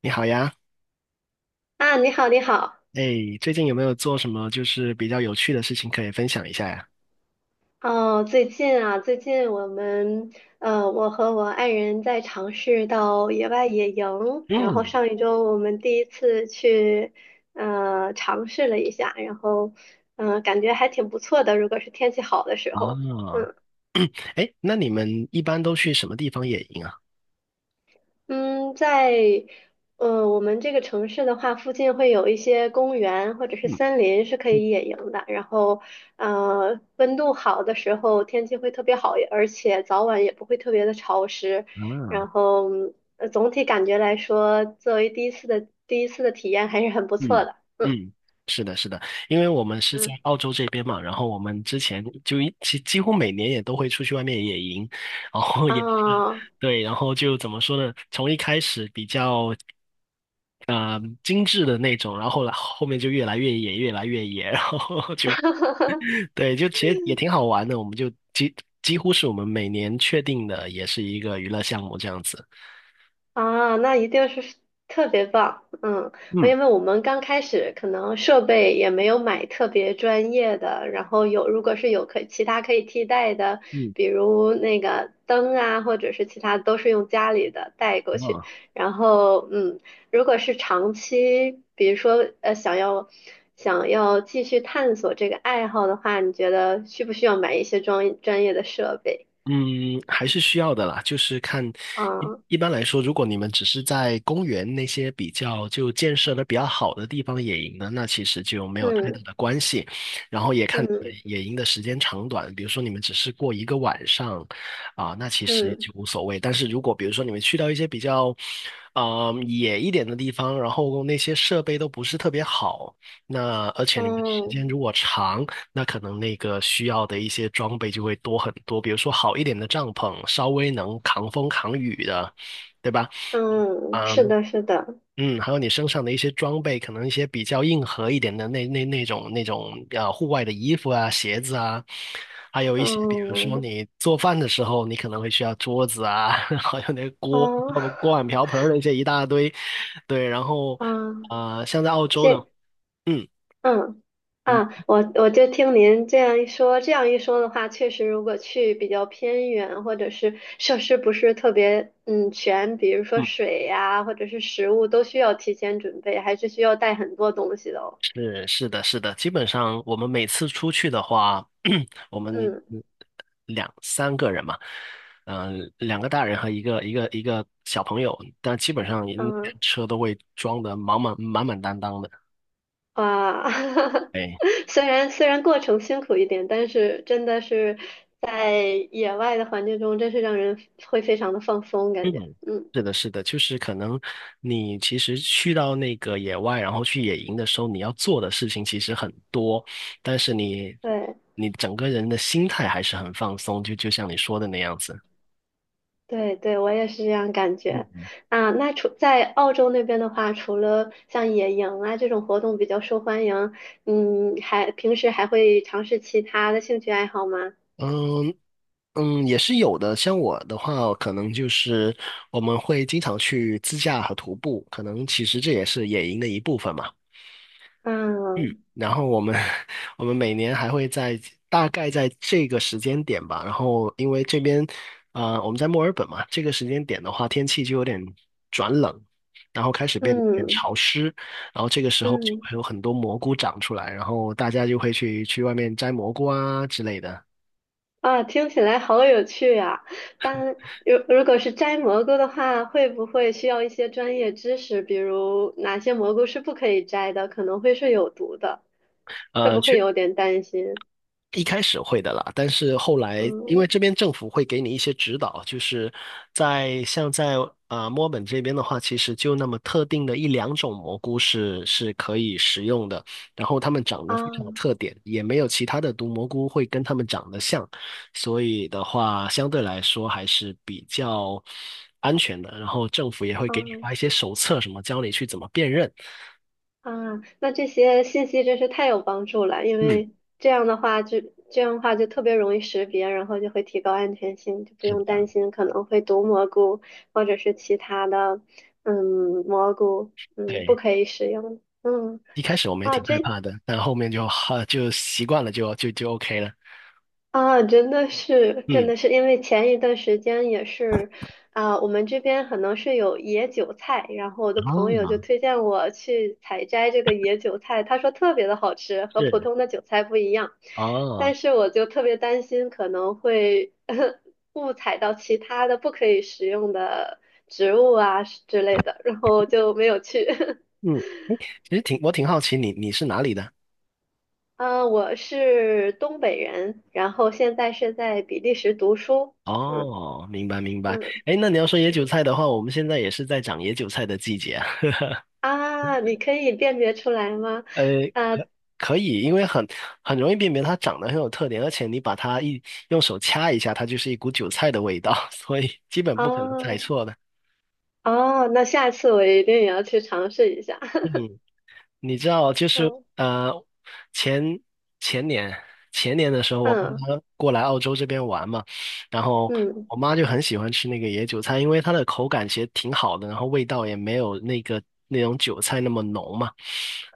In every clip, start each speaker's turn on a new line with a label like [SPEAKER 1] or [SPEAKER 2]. [SPEAKER 1] 你好呀。
[SPEAKER 2] 啊，你好，你好。
[SPEAKER 1] 哎，最近有没有做什么就是比较有趣的事情可以分享一下呀？
[SPEAKER 2] 哦，最近啊，最近我们呃，我和我爱人在尝试到野外野营，然后
[SPEAKER 1] 嗯。
[SPEAKER 2] 上一周我们第一次去尝试了一下，然后感觉还挺不错的，如果是天气好的时候，
[SPEAKER 1] 啊。
[SPEAKER 2] 嗯。
[SPEAKER 1] 哎，那你们一般都去什么地方野营啊？
[SPEAKER 2] 嗯，在我们这个城市的话，附近会有一些公园或者是
[SPEAKER 1] 嗯。
[SPEAKER 2] 森林是可以野营的。然后，温度好的时候，天气会特别好，而且早晚也不会特别的潮湿。
[SPEAKER 1] 啊。
[SPEAKER 2] 然后，总体感觉来说，作为第一次的体验还是很不
[SPEAKER 1] 嗯
[SPEAKER 2] 错的。嗯。
[SPEAKER 1] 嗯，是的，是的，因为我们是在
[SPEAKER 2] 嗯。
[SPEAKER 1] 澳洲这边嘛，然后我们之前就几乎每年也都会出去外面野营，然后
[SPEAKER 2] 啊。
[SPEAKER 1] 也是
[SPEAKER 2] 哦。
[SPEAKER 1] 对，然后就怎么说呢？从一开始比较精致的那种，然后后来后面就越来越野，越来越野，然后就对，就其实也挺好玩的，我们几乎是我们每年确定的，也是一个娱乐项目这样子。
[SPEAKER 2] 啊，那一定是特别棒，嗯，
[SPEAKER 1] 嗯
[SPEAKER 2] 因为我们刚开始可能设备也没有买特别专业的，然后如果是有其他可以替代的，
[SPEAKER 1] 嗯。
[SPEAKER 2] 比如那个灯啊，或者是其他都是用家里的带过去，
[SPEAKER 1] 嗯
[SPEAKER 2] 然后如果是长期，比如说想要继续探索这个爱好的话，你觉得需不需要买一些专业的设备？
[SPEAKER 1] 嗯，还是需要的啦，就是看
[SPEAKER 2] 啊，
[SPEAKER 1] 一般来说，如果你们只是在公园那些比较就建设的比较好的地方野营呢，那其实就没有太大
[SPEAKER 2] 嗯。
[SPEAKER 1] 的关系。然后也看你们
[SPEAKER 2] 嗯。
[SPEAKER 1] 野营的时间长短，比如说你们只是过一个晚上啊，那其实就
[SPEAKER 2] 嗯。
[SPEAKER 1] 无所谓。但是如果比如说你们去到一些比较野一点的地方，然后那些设备都不是特别好，那而且你们时
[SPEAKER 2] 嗯。
[SPEAKER 1] 间如果长，那可能那个需要的一些装备就会多很多，比如说好一点的帐篷，稍微能扛风扛雨的，对吧？
[SPEAKER 2] 嗯，是
[SPEAKER 1] 嗯
[SPEAKER 2] 的，是的，
[SPEAKER 1] 嗯，还有你身上的一些装备，可能一些比较硬核一点的那种户外的衣服啊、鞋子啊，还有一些比如说
[SPEAKER 2] 嗯，
[SPEAKER 1] 你做饭的时候，你可能会需要桌子啊，还有那个锅、
[SPEAKER 2] 哦，
[SPEAKER 1] 锅碗瓢盆儿那些一大堆，对，然后
[SPEAKER 2] 嗯，
[SPEAKER 1] 像在澳洲的，
[SPEAKER 2] 这，
[SPEAKER 1] 嗯
[SPEAKER 2] 嗯，啊，
[SPEAKER 1] 嗯
[SPEAKER 2] 我就听您这样一说，这样一说的话，确实，如果去比较偏远，或者是设施不是特别全，比如说
[SPEAKER 1] 嗯。
[SPEAKER 2] 水呀、或者是食物，都需要提前准备，还是需要带很多东西的哦。
[SPEAKER 1] 是的，是的，基本上我们每次出去的话，我们
[SPEAKER 2] 嗯。
[SPEAKER 1] 两三个人嘛，两个大人和一个小朋友，但基本上也
[SPEAKER 2] 嗯。
[SPEAKER 1] 车都会装得满满当当的。
[SPEAKER 2] 哇。
[SPEAKER 1] 哎，
[SPEAKER 2] 虽然过程辛苦一点，但是真的是在野外的环境中，真是让人会非常的放松
[SPEAKER 1] 嗯，
[SPEAKER 2] 感觉。嗯，
[SPEAKER 1] 是的，是的，就是可能你其实去到那个野外，然后去野营的时候，你要做的事情其实很多，但是
[SPEAKER 2] 对
[SPEAKER 1] 你整个人的心态还是很放松，就像你说的那样子。
[SPEAKER 2] 对对，我也是这样感觉。啊，那除在澳洲那边的话，除了像野营啊这种活动比较受欢迎，嗯，还平时还会尝试其他的兴趣爱好吗？
[SPEAKER 1] 嗯。嗯，也是有的。像我的话，可能就是我们会经常去自驾和徒步，可能其实这也是野营的一部分嘛。
[SPEAKER 2] 嗯。
[SPEAKER 1] 然后我们 我们每年还会在大概在这个时间点吧，然后因为这边我们在墨尔本嘛，这个时间点的话，天气就有点转冷，然后开始变得有点
[SPEAKER 2] 嗯。
[SPEAKER 1] 潮湿，然后这个时候就
[SPEAKER 2] 嗯。
[SPEAKER 1] 会有很多蘑菇长出来，然后大家就会去外面摘蘑菇啊之类的。
[SPEAKER 2] 啊，听起来好有趣呀！但如果是摘蘑菇的话，会不会需要一些专业知识？比如哪些蘑菇是不可以摘的，可能会是有毒的，会
[SPEAKER 1] 呃，
[SPEAKER 2] 不会
[SPEAKER 1] 去。
[SPEAKER 2] 有点担心？
[SPEAKER 1] 一开始会的啦，但是后来因为
[SPEAKER 2] 嗯。
[SPEAKER 1] 这边政府会给你一些指导，就是在墨尔本这边的话，其实就那么特定的一两种蘑菇是可以食用的，然后它们长得非
[SPEAKER 2] 啊。
[SPEAKER 1] 常有特点，也没有其他的毒蘑菇会跟它们长得像，所以的话相对来说还是比较安全的。然后政府也会
[SPEAKER 2] 啊。
[SPEAKER 1] 给你发一些手册，什么教你去怎么辨认。
[SPEAKER 2] 啊，那这些信息真是太有帮助了，因
[SPEAKER 1] 嗯，
[SPEAKER 2] 为这样的话就这样的话就特别容易识别，然后就会提高安全性，就不
[SPEAKER 1] 是
[SPEAKER 2] 用
[SPEAKER 1] 的，
[SPEAKER 2] 担心可能会毒蘑菇或者是其他的，嗯，蘑菇，嗯，不
[SPEAKER 1] 对。
[SPEAKER 2] 可以使用。嗯，
[SPEAKER 1] 一开始我们也
[SPEAKER 2] 啊，
[SPEAKER 1] 挺害
[SPEAKER 2] 这，
[SPEAKER 1] 怕的，但后面就习惯了就 OK 了。
[SPEAKER 2] 啊，真的是，真
[SPEAKER 1] 嗯，
[SPEAKER 2] 的是，因为前一段时间也是，啊、我们这边可能是有野韭菜，然后我的朋友就
[SPEAKER 1] 啊，
[SPEAKER 2] 推荐我去采摘这个野韭菜，他说特别的好吃，和普
[SPEAKER 1] 是
[SPEAKER 2] 通的韭菜不一样，
[SPEAKER 1] 哦，
[SPEAKER 2] 但是我就特别担心可能会 误采到其他的不可以食用的植物啊之类的，然后就没有去。
[SPEAKER 1] 嗯，其实我挺好奇你是哪里的？
[SPEAKER 2] 啊，我是东北人，然后现在是在比利时读书。嗯。
[SPEAKER 1] 哦，明白明白。
[SPEAKER 2] 嗯，
[SPEAKER 1] 哎，那你要说野韭菜的话，我们现在也是在长野韭菜的季节啊。
[SPEAKER 2] 啊，你可以辨别出来吗？
[SPEAKER 1] 呃，
[SPEAKER 2] 啊，
[SPEAKER 1] 可以，因为很容易辨别它长得很有特点，而且你把它用手掐一下，它就是一股韭菜的味道，所以基本不可能猜
[SPEAKER 2] 哦。
[SPEAKER 1] 错的。
[SPEAKER 2] 哦，那下次我一定也要去尝试一下。
[SPEAKER 1] 嗯。你知道，就是
[SPEAKER 2] 嗯。
[SPEAKER 1] 前前年前年的时候，我爸
[SPEAKER 2] 嗯。
[SPEAKER 1] 妈过来澳洲这边玩嘛，然后
[SPEAKER 2] 嗯，
[SPEAKER 1] 我妈就很喜欢吃那个野韭菜，因为它的口感其实挺好的，然后味道也没有那个那种韭菜那么浓嘛。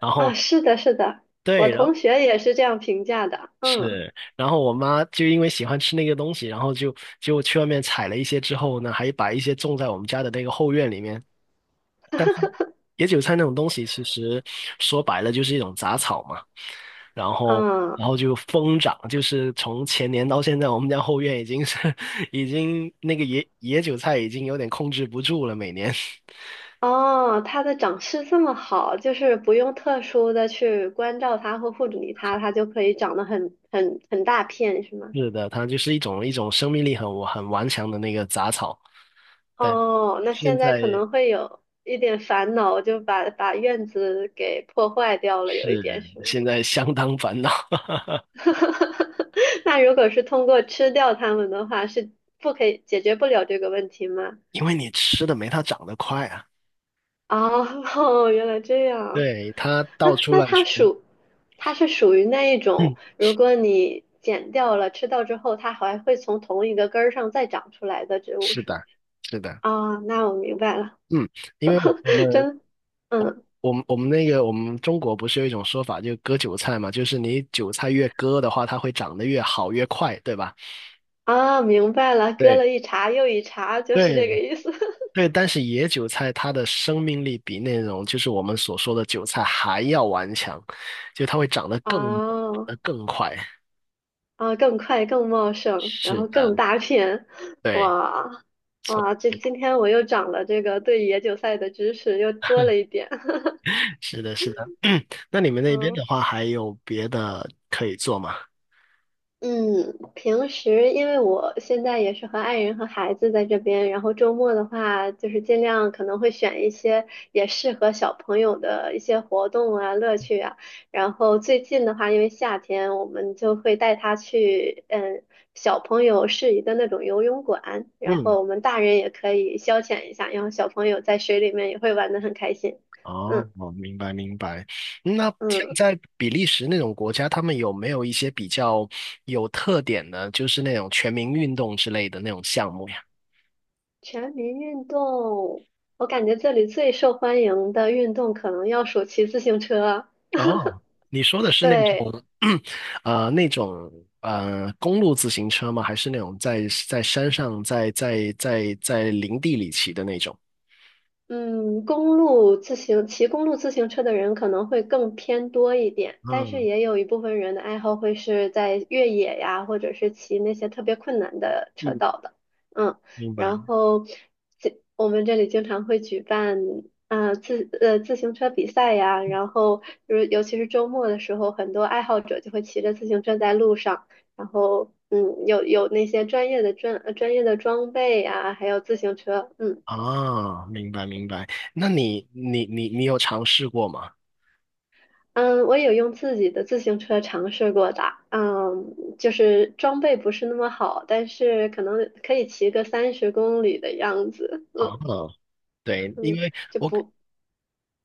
[SPEAKER 1] 然
[SPEAKER 2] 啊，
[SPEAKER 1] 后
[SPEAKER 2] 是的，是的，我
[SPEAKER 1] 对，然后
[SPEAKER 2] 同学也是这样评价的。嗯。
[SPEAKER 1] 是，然后我妈就因为喜欢吃那个东西，然后就去外面采了一些之后呢，还把一些种在我们家的那个后院里面。野韭菜那种东西，其实说白了就是一种杂草嘛，然后
[SPEAKER 2] 嗯。
[SPEAKER 1] 然后就疯长，就是从前年到现在，我们家后院已经是 已经那个野韭菜已经有点控制不住了，每年。
[SPEAKER 2] 哦，它的长势这么好，就是不用特殊的去关照它或护理它，它就可以长得很大片，是吗？
[SPEAKER 1] 是的，它就是一种生命力很顽强的那个杂草，但
[SPEAKER 2] 哦，那
[SPEAKER 1] 现
[SPEAKER 2] 现在可
[SPEAKER 1] 在
[SPEAKER 2] 能会有一点烦恼，就把院子给破坏掉了，
[SPEAKER 1] 是
[SPEAKER 2] 有一点是吗？
[SPEAKER 1] 现在相当烦恼。
[SPEAKER 2] 那如果是通过吃掉它们的话，是不可以解决不了这个问题吗？
[SPEAKER 1] 因为你吃的没它长得快啊。
[SPEAKER 2] 哦，哦原来这样。
[SPEAKER 1] 对，它到
[SPEAKER 2] 那
[SPEAKER 1] 处
[SPEAKER 2] 那
[SPEAKER 1] 乱
[SPEAKER 2] 它
[SPEAKER 1] 窜。
[SPEAKER 2] 属，它是属于那一 种，
[SPEAKER 1] 嗯，
[SPEAKER 2] 如果你剪掉了吃掉之后，它还会从同一个根儿上再长出来的植物
[SPEAKER 1] 是
[SPEAKER 2] 树。
[SPEAKER 1] 的，是的。
[SPEAKER 2] 啊，那我明白了，
[SPEAKER 1] 嗯，因为
[SPEAKER 2] 真，嗯，
[SPEAKER 1] 我们我们中国不是有一种说法，就割韭菜嘛，就是你韭菜越割的话，它会长得越好越快，对吧？
[SPEAKER 2] 啊，明白了，割
[SPEAKER 1] 对，
[SPEAKER 2] 了一茬又一茬，就是
[SPEAKER 1] 对
[SPEAKER 2] 这个意思。
[SPEAKER 1] 对，但是野韭菜它的生命力比那种就是我们所说的韭菜还要顽强，就它会长得 更
[SPEAKER 2] 哦。
[SPEAKER 1] 呃更快。
[SPEAKER 2] 啊，更快、更茂盛，然
[SPEAKER 1] 是
[SPEAKER 2] 后
[SPEAKER 1] 的，
[SPEAKER 2] 更大片，
[SPEAKER 1] 对，
[SPEAKER 2] 哇。
[SPEAKER 1] 所
[SPEAKER 2] 哇！这
[SPEAKER 1] 以
[SPEAKER 2] 今天我又长了这个对野韭菜的知识，又多了一点。
[SPEAKER 1] 是的，是的。那你们那边的话，还有别的可以做吗？
[SPEAKER 2] 嗯，平时因为我现在也是和爱人和孩子在这边，然后周末的话，就是尽量可能会选一些也适合小朋友的一些活动啊、乐趣啊。然后最近的话，因为夏天，我们就会带他去小朋友适宜的那种游泳馆，然
[SPEAKER 1] 嗯。
[SPEAKER 2] 后我们大人也可以消遣一下，然后小朋友在水里面也会玩得很开心。
[SPEAKER 1] 哦，
[SPEAKER 2] 嗯。
[SPEAKER 1] 我明白明白。那像
[SPEAKER 2] 嗯。
[SPEAKER 1] 在比利时那种国家，他们有没有一些比较有特点的，就是那种全民运动之类的那种项目呀？
[SPEAKER 2] 全民运动，我感觉这里最受欢迎的运动可能要数骑自行车。
[SPEAKER 1] 哦，你说的是那
[SPEAKER 2] 对，
[SPEAKER 1] 种，那种公路自行车吗？还是那种在山上在林地里骑的那种？
[SPEAKER 2] 嗯，公路自行骑公路自行车的人可能会更偏多一点，但是
[SPEAKER 1] 嗯
[SPEAKER 2] 也有一部分人的爱好会是在越野呀，或者是骑那些特别困难的车
[SPEAKER 1] 嗯，
[SPEAKER 2] 道的。嗯，
[SPEAKER 1] 明白。
[SPEAKER 2] 然后这我们这里经常会举办啊、自行车比赛呀，然后就是尤其是周末的时候，很多爱好者就会骑着自行车在路上，然后有那些专业的专业的装备呀，还有自行车，嗯。
[SPEAKER 1] 啊，明白明白。那你有尝试过吗？
[SPEAKER 2] 嗯，我有用自己的自行车尝试过的，嗯，就是装备不是那么好，但是可能可以骑个30公里的样子，
[SPEAKER 1] 啊，
[SPEAKER 2] 嗯。
[SPEAKER 1] 对，因
[SPEAKER 2] 嗯，
[SPEAKER 1] 为
[SPEAKER 2] 就
[SPEAKER 1] 我
[SPEAKER 2] 不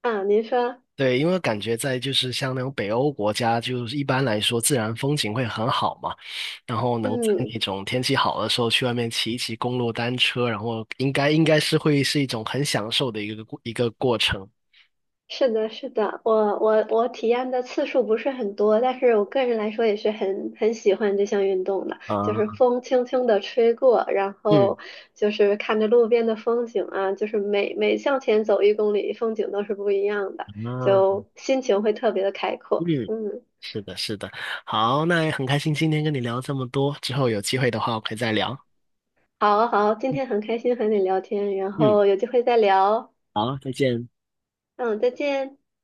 [SPEAKER 2] 啊，您说，
[SPEAKER 1] 对，因为感觉在就是像那种北欧国家，就是一般来说自然风景会很好嘛，然后能在
[SPEAKER 2] 嗯。
[SPEAKER 1] 那种天气好的时候去外面骑一骑公路单车，然后应该是会是一种很享受的一个过程。
[SPEAKER 2] 是的，是的，我体验的次数不是很多，但是我个人来说也是很喜欢这项运动的，就是
[SPEAKER 1] 啊，
[SPEAKER 2] 风轻轻的吹过，然
[SPEAKER 1] 嗯
[SPEAKER 2] 后就是看着路边的风景啊，就是每每向前走1公里，风景都是不一样的，
[SPEAKER 1] 啊，
[SPEAKER 2] 就心情会特别的开阔。
[SPEAKER 1] 嗯，
[SPEAKER 2] 嗯，
[SPEAKER 1] 是的，是的。好，那也很开心今天跟你聊这么多，之后有机会的话我可以再聊。
[SPEAKER 2] 好好，今天很开心和你聊天，然
[SPEAKER 1] 嗯，
[SPEAKER 2] 后有机会再聊。
[SPEAKER 1] 好，再见。
[SPEAKER 2] 嗯，再见。